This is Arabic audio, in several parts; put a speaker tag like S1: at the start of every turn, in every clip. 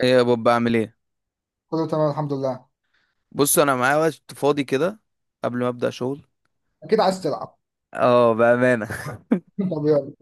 S1: ايه يا بابا بعمل ايه؟
S2: كله تمام الحمد لله.
S1: بص، انا معايا وقت فاضي كده قبل ما ابدا شغل.
S2: اكيد عايز تلعب.
S1: اه بامانه.
S2: طب يلا.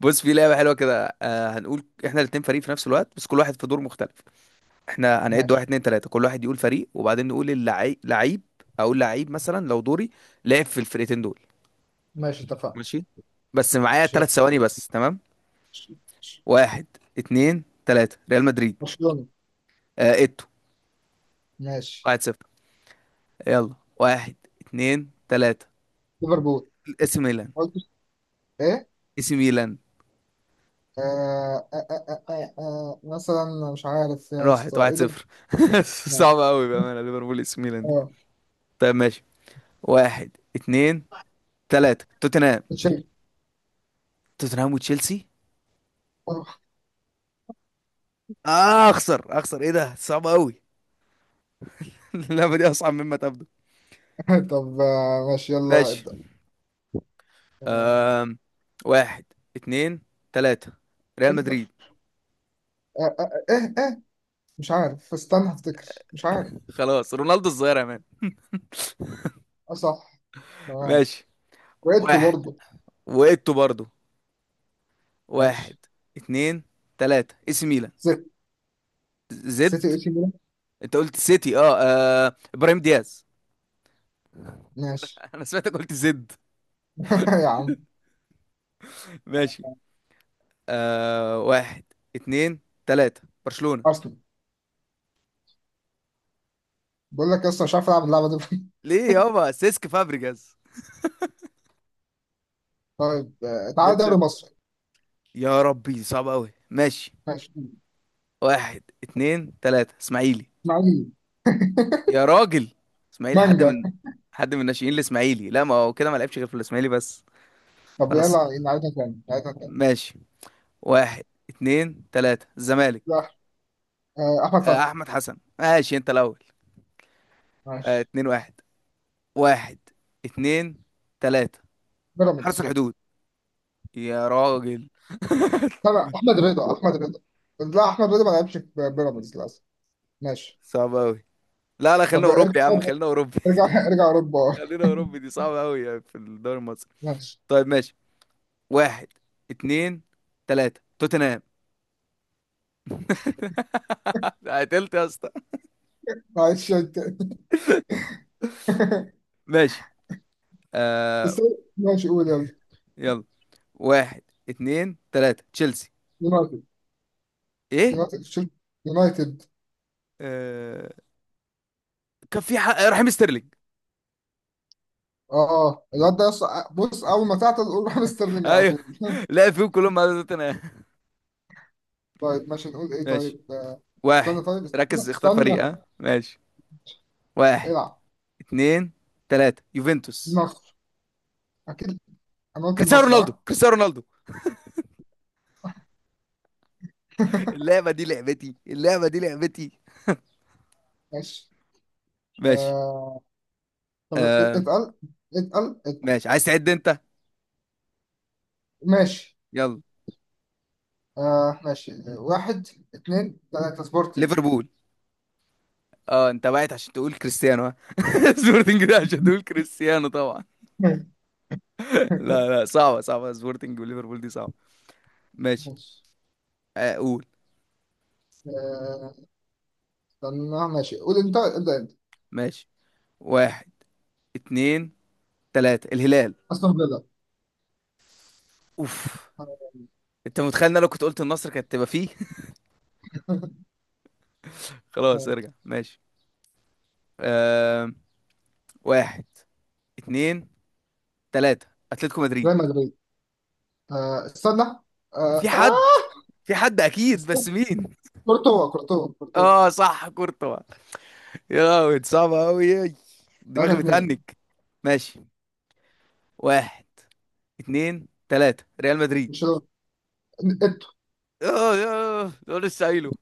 S1: بص، في لعبه حلوه كده. هنقول احنا الاتنين فريق في نفس الوقت، بس كل واحد في دور مختلف. احنا هنعد واحد
S2: ماشي.
S1: اتنين تلاته، كل واحد يقول فريق، وبعدين نقول اللعيب لعيب. اقول لعيب مثلا لو دوري لعب في الفرقتين دول.
S2: ماشي اتفقنا.
S1: ماشي. بس معايا
S2: ماشي
S1: تلات
S2: يلا.
S1: ثواني بس. تمام.
S2: ماشي. ماشي.
S1: واحد اتنين تلاته، ريال مدريد.
S2: برشلونة.
S1: اتو.
S2: ماشي.
S1: واحد صفر. يلا، واحد اتنين تلاته.
S2: ليفربول.
S1: اسم ميلان.
S2: قلت ايه؟
S1: اسم ميلان.
S2: آه. آه، مثلا مش عارف يا اسطى
S1: راحت
S2: ايه
S1: واحد
S2: ده.
S1: صفر.
S2: ما-
S1: صعبة أوي بأمانة، ليفربول اس ميلان دي.
S2: اه.
S1: طيب ماشي. واحد اتنين تلاتة، توتنهام.
S2: تشيلسي.
S1: توتنهام وتشيلسي. آه، أخسر أخسر إيه ده، صعبة أوي. اللعبة دي أصعب مما تبدو.
S2: طب آه، ماشي يلا
S1: ماشي.
S2: ابدأ. آه،
S1: أم... واحد اتنين تلاتة، ريال
S2: انتر.
S1: مدريد.
S2: آه، ايه ايه مش عارف استنى افتكر مش عارف.
S1: خلاص، رونالدو الظاهرة يا مان.
S2: اه صح. تمام.
S1: ماشي.
S2: وقيته
S1: واحد،
S2: برضه.
S1: وإيتو برضو. واحد
S2: ماشي.
S1: اتنين تلاتة، اس ميلان.
S2: سيتي. سيتي
S1: زد.
S2: اي سي ميلان.
S1: انت قلت سيتي اه، آه. ابراهيم دياز.
S2: ماشي.
S1: انا سمعتك قلت زد.
S2: يا عم.
S1: ماشي. آه، واحد اتنين تلاتة، برشلونة.
S2: ارسنال. بقول لك اصلا مش عارف العب اللعبه دي.
S1: ليه يابا، سيسك فابريجاز.
S2: طيب آه، تعالى دوري
S1: 2-0،
S2: مصر.
S1: يا ربي دي صعبة أوي. ماشي.
S2: ماشي.
S1: واحد اتنين تلاتة، اسماعيلي.
S2: اسماعيلي.
S1: يا راجل، اسماعيلي حد
S2: مانجا.
S1: من، حد من الناشئين الإسماعيلي؟ لا، ما هو كده، ما لعبش غير في الإسماعيلي بس.
S2: طب
S1: خلاص
S2: يلا نعيدها تاني نعيدها تاني.
S1: ماشي. واحد اتنين تلاتة، الزمالك.
S2: لا. آه، احمد
S1: آه،
S2: فتحي.
S1: أحمد حسن. ماشي، أنت الأول. آه،
S2: ماشي.
S1: اتنين واحد. واحد اتنين تلاتة، حرس
S2: بيراميدز.
S1: الحدود. يا راجل،
S2: لا لا احمد رضا احمد رضا. لا احمد رضا ما لعبش في بيراميدز للاسف. ماشي.
S1: صعب أوي. لا لا، خلينا
S2: طب
S1: اوروبي
S2: ارجع.
S1: يا عم، خلينا اوروبي.
S2: ارجع ارجع اوروبا.
S1: خلينا اوروبي، دي صعبه قوي يعني في الدوري المصري.
S2: ماشي.
S1: طيب ماشي. واحد اتنين تلاتة، توتنهام. قتلت يا اسطى.
S2: معلش أنت.
S1: ماشي. آه
S2: بس. ماشي قول يلا.
S1: يلا، واحد اتنين تلاتة، تشيلسي.
S2: يونايتد.
S1: ايه.
S2: يونايتد شيل- يونايتد.
S1: آه، كان في حق... رحيم ستيرلينج.
S2: اه الواد ده يص- بص اول ما تعطل قول راح ستيرلينج على
S1: ايوه.
S2: طول.
S1: لا، فيهم كلهم على توتنهام.
S2: طيب ماشي نقول ايه
S1: ماشي.
S2: طيب آه، استنى
S1: واحد.
S2: طيب
S1: ركز،
S2: استنى
S1: اختار فريق.
S2: استنى.
S1: ها، ماشي. واحد
S2: العب.
S1: اتنين تلاتة، يوفنتوس.
S2: مصر. اكيد. انا قلت
S1: كريستيانو
S2: مصر
S1: رونالدو،
S2: ها.
S1: كريستيانو رونالدو! اللعبة دي لعبتي، اللعبة دي لعبتي.
S2: ماشي.
S1: ماشي.
S2: آه طب
S1: آه،
S2: اتقل. اتقل اتقل.
S1: ماشي، عايز تعد انت.
S2: ماشي.
S1: يلا.
S2: آه ماشي آه، واحد اتنين تلاتة سبورتنج.
S1: ليفربول. اه انت وقعت عشان تقول كريستيانو، ها. سبورتنج ده عشان تقول كريستيانو طبعا. لا لا، صعبة صعبة، سبورتنج وليفربول دي صعبة. ماشي.
S2: ماشي.
S1: آه، قول.
S2: آه استنى ماشي قول انت ابدأ انت.
S1: ماشي. واحد اتنين تلاتة، الهلال.
S2: استون فيلا.
S1: اوف، انت متخيل ان انا لو كنت قلت النصر كانت تبقى فيه. خلاص، ارجع.
S2: آه،
S1: ماشي. آه، واحد اتنين تلاتة، اتلتيكو
S2: ريال
S1: مدريد.
S2: مدريد. آه استنى
S1: في
S2: آه.
S1: حد،
S2: آه
S1: في حد اكيد
S2: استنى.
S1: بس مين؟
S2: كورتوا كورتوا كورتوا.
S1: اه صح، كورتوا. يا لهوي، دي صعبة أوي.
S2: 3
S1: دماغي بتهنج.
S2: 2
S1: ماشي. واحد اتنين تلاتة، ريال مدريد.
S2: برشلونة. انتوا.
S1: اه، اه ده لسه قايله.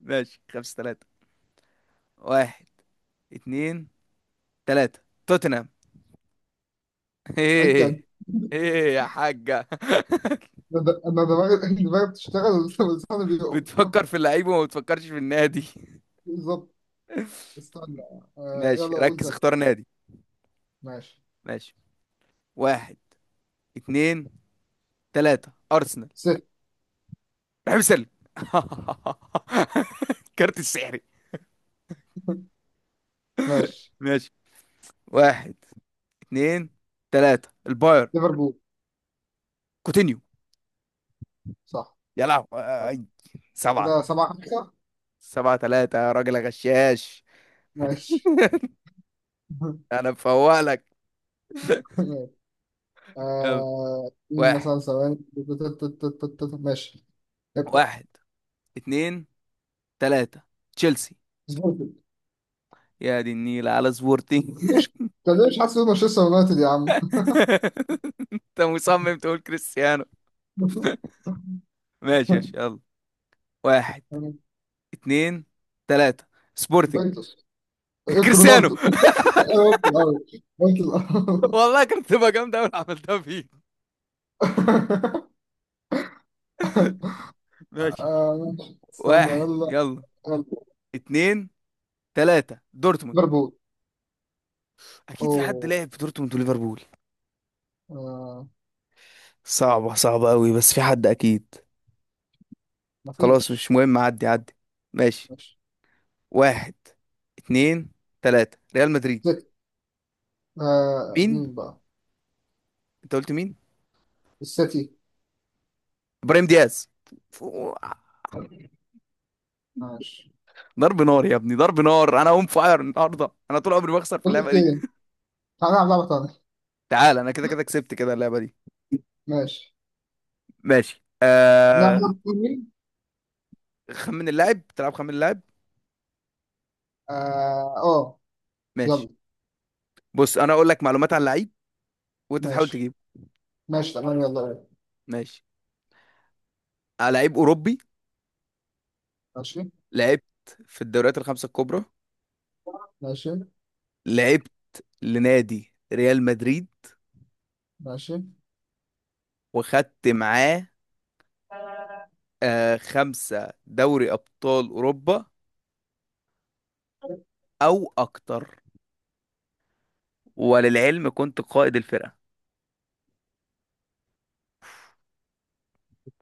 S1: ماشي، خمسة تلاتة. واحد اتنين تلاتة، توتنهام.
S2: اي.
S1: ايه؟ ايه يا حاجة؟
S2: انا د- أنا دماغي دماغي بتشتغل لساني بيقف.
S1: بتفكر في اللعيب وما بتفكرش في النادي.
S2: بالظبط. استنى. آه
S1: ماشي،
S2: يلا قول
S1: ركز
S2: تلاتة.
S1: اختار نادي.
S2: ماشي.
S1: ماشي، واحد اتنين تلاتة، أرسنال.
S2: ست.
S1: رحيم سلم. الكارت السحري.
S2: ماشي.
S1: ماشي. واحد اتنين تلاتة، الباير.
S2: ليفربول.
S1: كوتينيو.
S2: صح.
S1: يا لهوي
S2: طب
S1: آي. سبعة.
S2: كده سبعة خمسة.
S1: سبعة تلاتة يا راجل غشاش.
S2: ماشي.
S1: انا بفوق لك.
S2: ماشي.
S1: يلا.
S2: آه مين
S1: واحد.
S2: مثلا ثواني ماشي. ابدأ.
S1: واحد اتنين تلاتة، تشيلسي.
S2: سبورتنج.
S1: يا دي النيلة على سبورتي.
S2: مش طب ليه مش حاسس إن مانشستر يونايتد يا عم.
S1: انت مصمم تقول كريستيانو. ماشي ماشي، يلا. واحد اتنين تلاتة، سبورتنج.
S2: يوفنتوس. إيه،
S1: كريستيانو.
S2: رونالدو. أنا قلت الأول. قلت الأول.
S1: والله كانت تبقى جامدة أوي لو عملتها فيك. ماشي.
S2: آه، استنى
S1: واحد
S2: يلا.
S1: يلا،
S2: آه،
S1: اتنين تلاتة، دورتموند.
S2: ليفربول.
S1: اكيد في حد
S2: أوه.
S1: لعب في دورتموند وليفربول.
S2: آه.
S1: صعبة، صعبة قوي، بس في حد اكيد. خلاص،
S2: مفيش.
S1: مش مهم، عدي عدي. ماشي.
S2: ماشي.
S1: واحد اتنين تلاتة، ريال مدريد.
S2: زي. آه.
S1: مين؟
S2: مين بقى؟
S1: انت قلت مين؟
S2: السيتي.
S1: ابراهيم دياز. فو-
S2: ماشي.
S1: ضرب نار يا ابني، ضرب نار، انا اون فاير النهارده، انا طول عمري بخسر في
S2: بقول
S1: اللعبة
S2: لك
S1: دي.
S2: إيه، تعالى نلعب لعبة تانية.
S1: تعال، انا كده كده كسبت كده اللعبة دي.
S2: ماشي
S1: ماشي.
S2: نلعب لعبة تانية.
S1: خمن اللاعب، تلعب خمن اللاعب؟
S2: آه. آه
S1: ماشي.
S2: يلا.
S1: بص، انا اقول لك معلومات عن لعيب وانت تحاول
S2: ماشي.
S1: تجيبه.
S2: ماشي تمام يلا بينا.
S1: ماشي. آه، لعيب اوروبي.
S2: ماشي.
S1: لعبت في الدوريات الخمسة الكبرى.
S2: ماشي.
S1: لعبت لنادي ريال مدريد.
S2: ماشي.
S1: وخدت معاه آه 5 دوري أبطال أوروبا أو أكتر. وللعلم، كنت قائد الفرقة.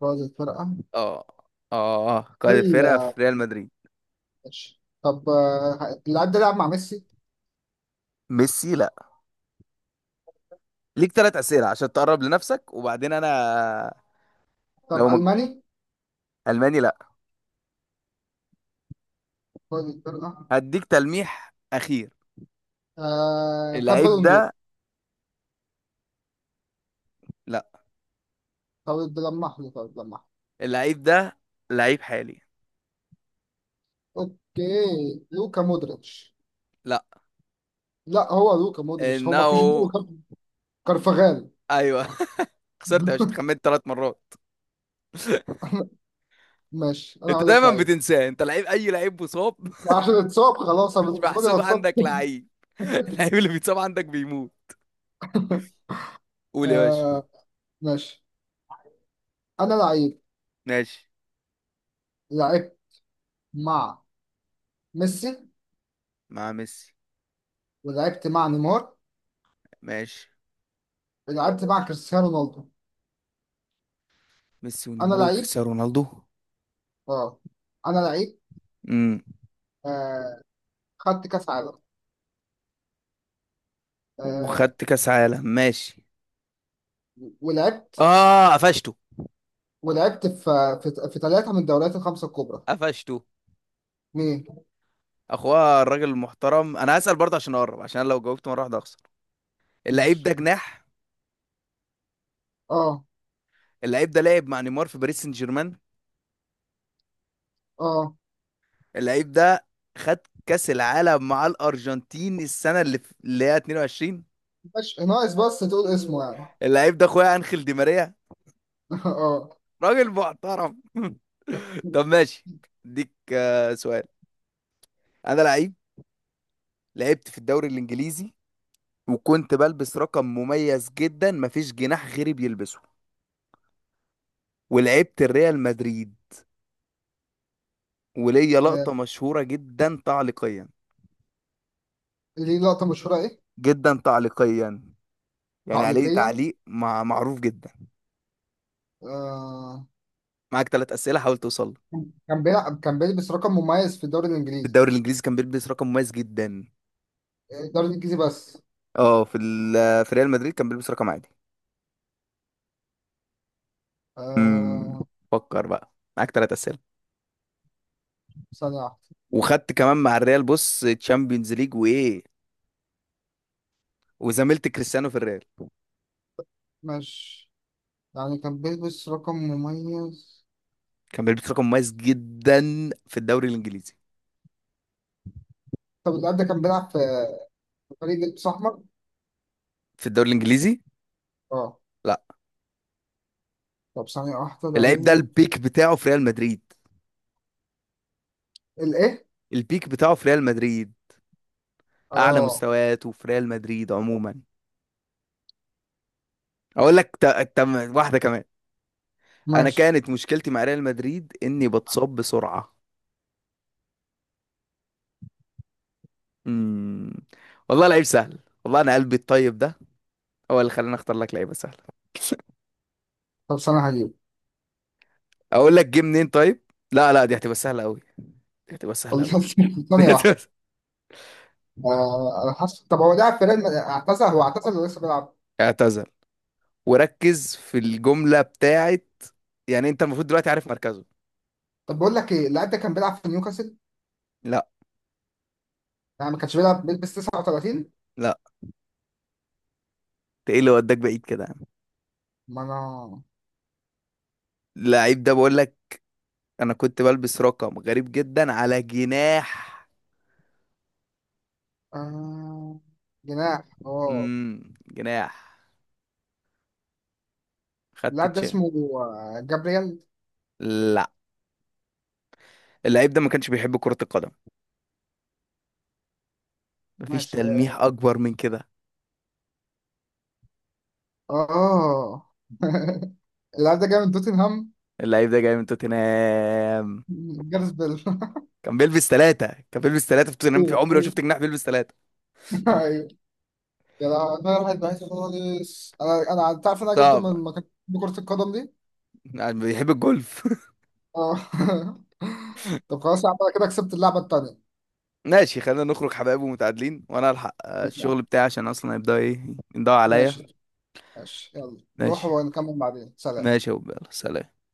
S2: فاز الفرقة.
S1: اه، اه قائد
S2: هل.
S1: الفرقة في ريال مدريد.
S2: ماشي طب آه، اللاعب ده لعب مع ميسي.
S1: ميسي لا. ليك 3 أسئلة عشان تقرب لنفسك، وبعدين أنا.
S2: طب
S1: لو مج...
S2: ألماني.
S1: ألماني لا.
S2: فاز الفرقة.
S1: هديك تلميح أخير.
S2: آه. خد
S1: اللعيب
S2: بالون دور.
S1: ده لا.
S2: طب لمح لي طب لمح.
S1: اللعيب ده لعيب حالي.
S2: اوكي لوكا مودريتش.
S1: لا.
S2: لا هو لوكا مودريتش هو ما
S1: إنه.
S2: فيش غيره. كار- كارفاغال.
S1: أيوه. خسرت يا باشا، اتخمنت 3 مرات.
S2: ماشي انا
S1: انت
S2: هقول لك
S1: دايما
S2: لعيب.
S1: بتنساه، انت لعيب اي لعيب مصاب.
S2: عشان اتصاب خلاص أنا
S1: مش
S2: بالنسبه لي هو
S1: محسوب
S2: اتصاب.
S1: عندك لعيب. اللعيب اللي بيتصاب عندك بيموت. قول يا باشا.
S2: آه ماشي. انا لعيب.
S1: ماشي.
S2: لعبت مع ميسي
S1: مع ميسي.
S2: ولعبت مع نيمار
S1: ماشي.
S2: ولعبت مع كريستيانو رونالدو.
S1: ميسي
S2: انا
S1: ونيمار
S2: لعيب.
S1: وكريستيانو رونالدو.
S2: اه انا لعيب.
S1: امم
S2: آه خدت كاس عالم. آه.
S1: وخدت كاس عالم، ماشي.
S2: ولعبت.
S1: اه قفشته.
S2: ولعبت في في ثلاثه من الدوريات الخمسه الكبرى.
S1: قفشته
S2: مين؟
S1: اخويا الراجل المحترم. انا هسأل برضه عشان اقرب، عشان لو جاوبت مره واحده اخسر. اللعيب
S2: ماشي.
S1: ده جناح.
S2: اه
S1: اللعيب ده لعب مع نيمار في باريس سان جيرمان.
S2: اه
S1: اللعيب ده خد كأس العالم مع الأرجنتين السنة اللي في اللي هي 22.
S2: مش ناقص بس تقول اسمه يعني.
S1: اللعيب ده أخويا أنخيل دي ماريا.
S2: اه.
S1: راجل محترم. طب ماشي، اديك آه، سؤال. أنا لعيب، لعبت في الدوري الإنجليزي، وكنت بلبس رقم مميز جدا، مفيش جناح غيري بيلبسه. ولعبت الريال مدريد، وليا لقطة
S2: آه،
S1: مشهورة جدا تعليقيا.
S2: ليه لقطة مشهورة ايه؟
S1: جدا تعليقيا، يعني عليه
S2: تعليقيا.
S1: تعليق مع معروف جدا.
S2: آه.
S1: معاك 3 أسئلة، حاول توصل له.
S2: كان بيلعب كان بيلبس رقم مميز في الدوري
S1: في
S2: الانجليزي.
S1: الدوري الإنجليزي كان بيلبس رقم مميز جدا.
S2: الدوري الانجليزي بس؟
S1: اه في في ريال مدريد كان بيلبس رقم عادي. امم
S2: آه.
S1: فكر بقى، معاك 3 اسئله.
S2: ثانية واحدة.
S1: وخدت كمان مع الريال، بص، تشامبيونز ليج وايه. وزميلت كريستيانو في الريال.
S2: ماشي. يعني كان بيلبس رقم مميز.
S1: كان بيلبس رقم مميز جدا في الدوري الانجليزي.
S2: طب اللاعب ده كان بيلعب في فريق لبس احمر.
S1: في الدوري الانجليزي.
S2: اه.
S1: لا.
S2: طب ثانية واحدة
S1: اللعيب ده
S2: لعيب.
S1: البيك بتاعه في ريال مدريد.
S2: الايه؟
S1: البيك بتاعه في ريال مدريد. اعلى
S2: اه.
S1: مستوياته في ريال مدريد عموما. اقول لك ت... ت... واحده كمان. انا
S2: ماشي.
S1: كانت مشكلتي مع ريال مدريد اني بتصاب بسرعه. امم والله لعيب سهل، والله انا قلبي الطيب ده هو اللي خلاني اختار لك لعيبه سهله.
S2: طب ثانية هجيب.
S1: اقول لك جه منين طيب. لا لا، دي هتبقى سهله قوي، دي هتبقى سهله قوي.
S2: ثانية واحدة. آه انا حاسس. طب هو لعب في ريال مد- اعتزل هو اعتزل ولا لسه بيلعب؟
S1: اعتذر، وركز في الجمله بتاعت، يعني انت المفروض دلوقتي عارف مركزه.
S2: طب بقول لك ايه، اللاعب ده كان بيلعب في نيوكاسل؟
S1: لا.
S2: يعني ما كانش بيلعب بيلبس 39؟
S1: لا انت ايه اللي وداك بعيد كده يا عم.
S2: ما انا.
S1: اللعيب ده، بقول لك، انا كنت بلبس رقم غريب جدا على جناح.
S2: آه... جناح اه.
S1: جناح. خدت
S2: اللاعب ده
S1: تشي.
S2: اسمه آه، جابرييل.
S1: لا. اللعيب ده ما كانش بيحب كرة القدم. مفيش
S2: ماشي.
S1: تلميح اكبر من كده.
S2: اه آه. اللاعب ده جاي من توتنهام.
S1: اللعيب ده جاي من توتنهام.
S2: جارس بيل.
S1: كان بيلبس ثلاثة. كان بيلبس ثلاثة في توتنهام، في
S2: ايوه
S1: عمري ما
S2: ايوه.
S1: شفت جناح بيلبس ثلاثة.
S2: ايوه. يا لهوي، انا رايح بعيد خالص. انا انا أنت عارف إن انا جبته
S1: صعب.
S2: من مكان. كرة القدم دي.
S1: يعني بيحب الجولف.
S2: اه. طب خلاص يا عم انا كده كسبت اللعبة التانية.
S1: ماشي، خلينا نخرج حبايب ومتعادلين، وانا الحق آه،
S2: اسمع.
S1: الشغل بتاعي، عشان اصلا هيبدأ ايه، ينضوي عليا.
S2: ماشي. ماشي يلا روح
S1: ماشي.
S2: ونكمل بعدين. سلام.
S1: ماشي يا أبو، يلا سلام.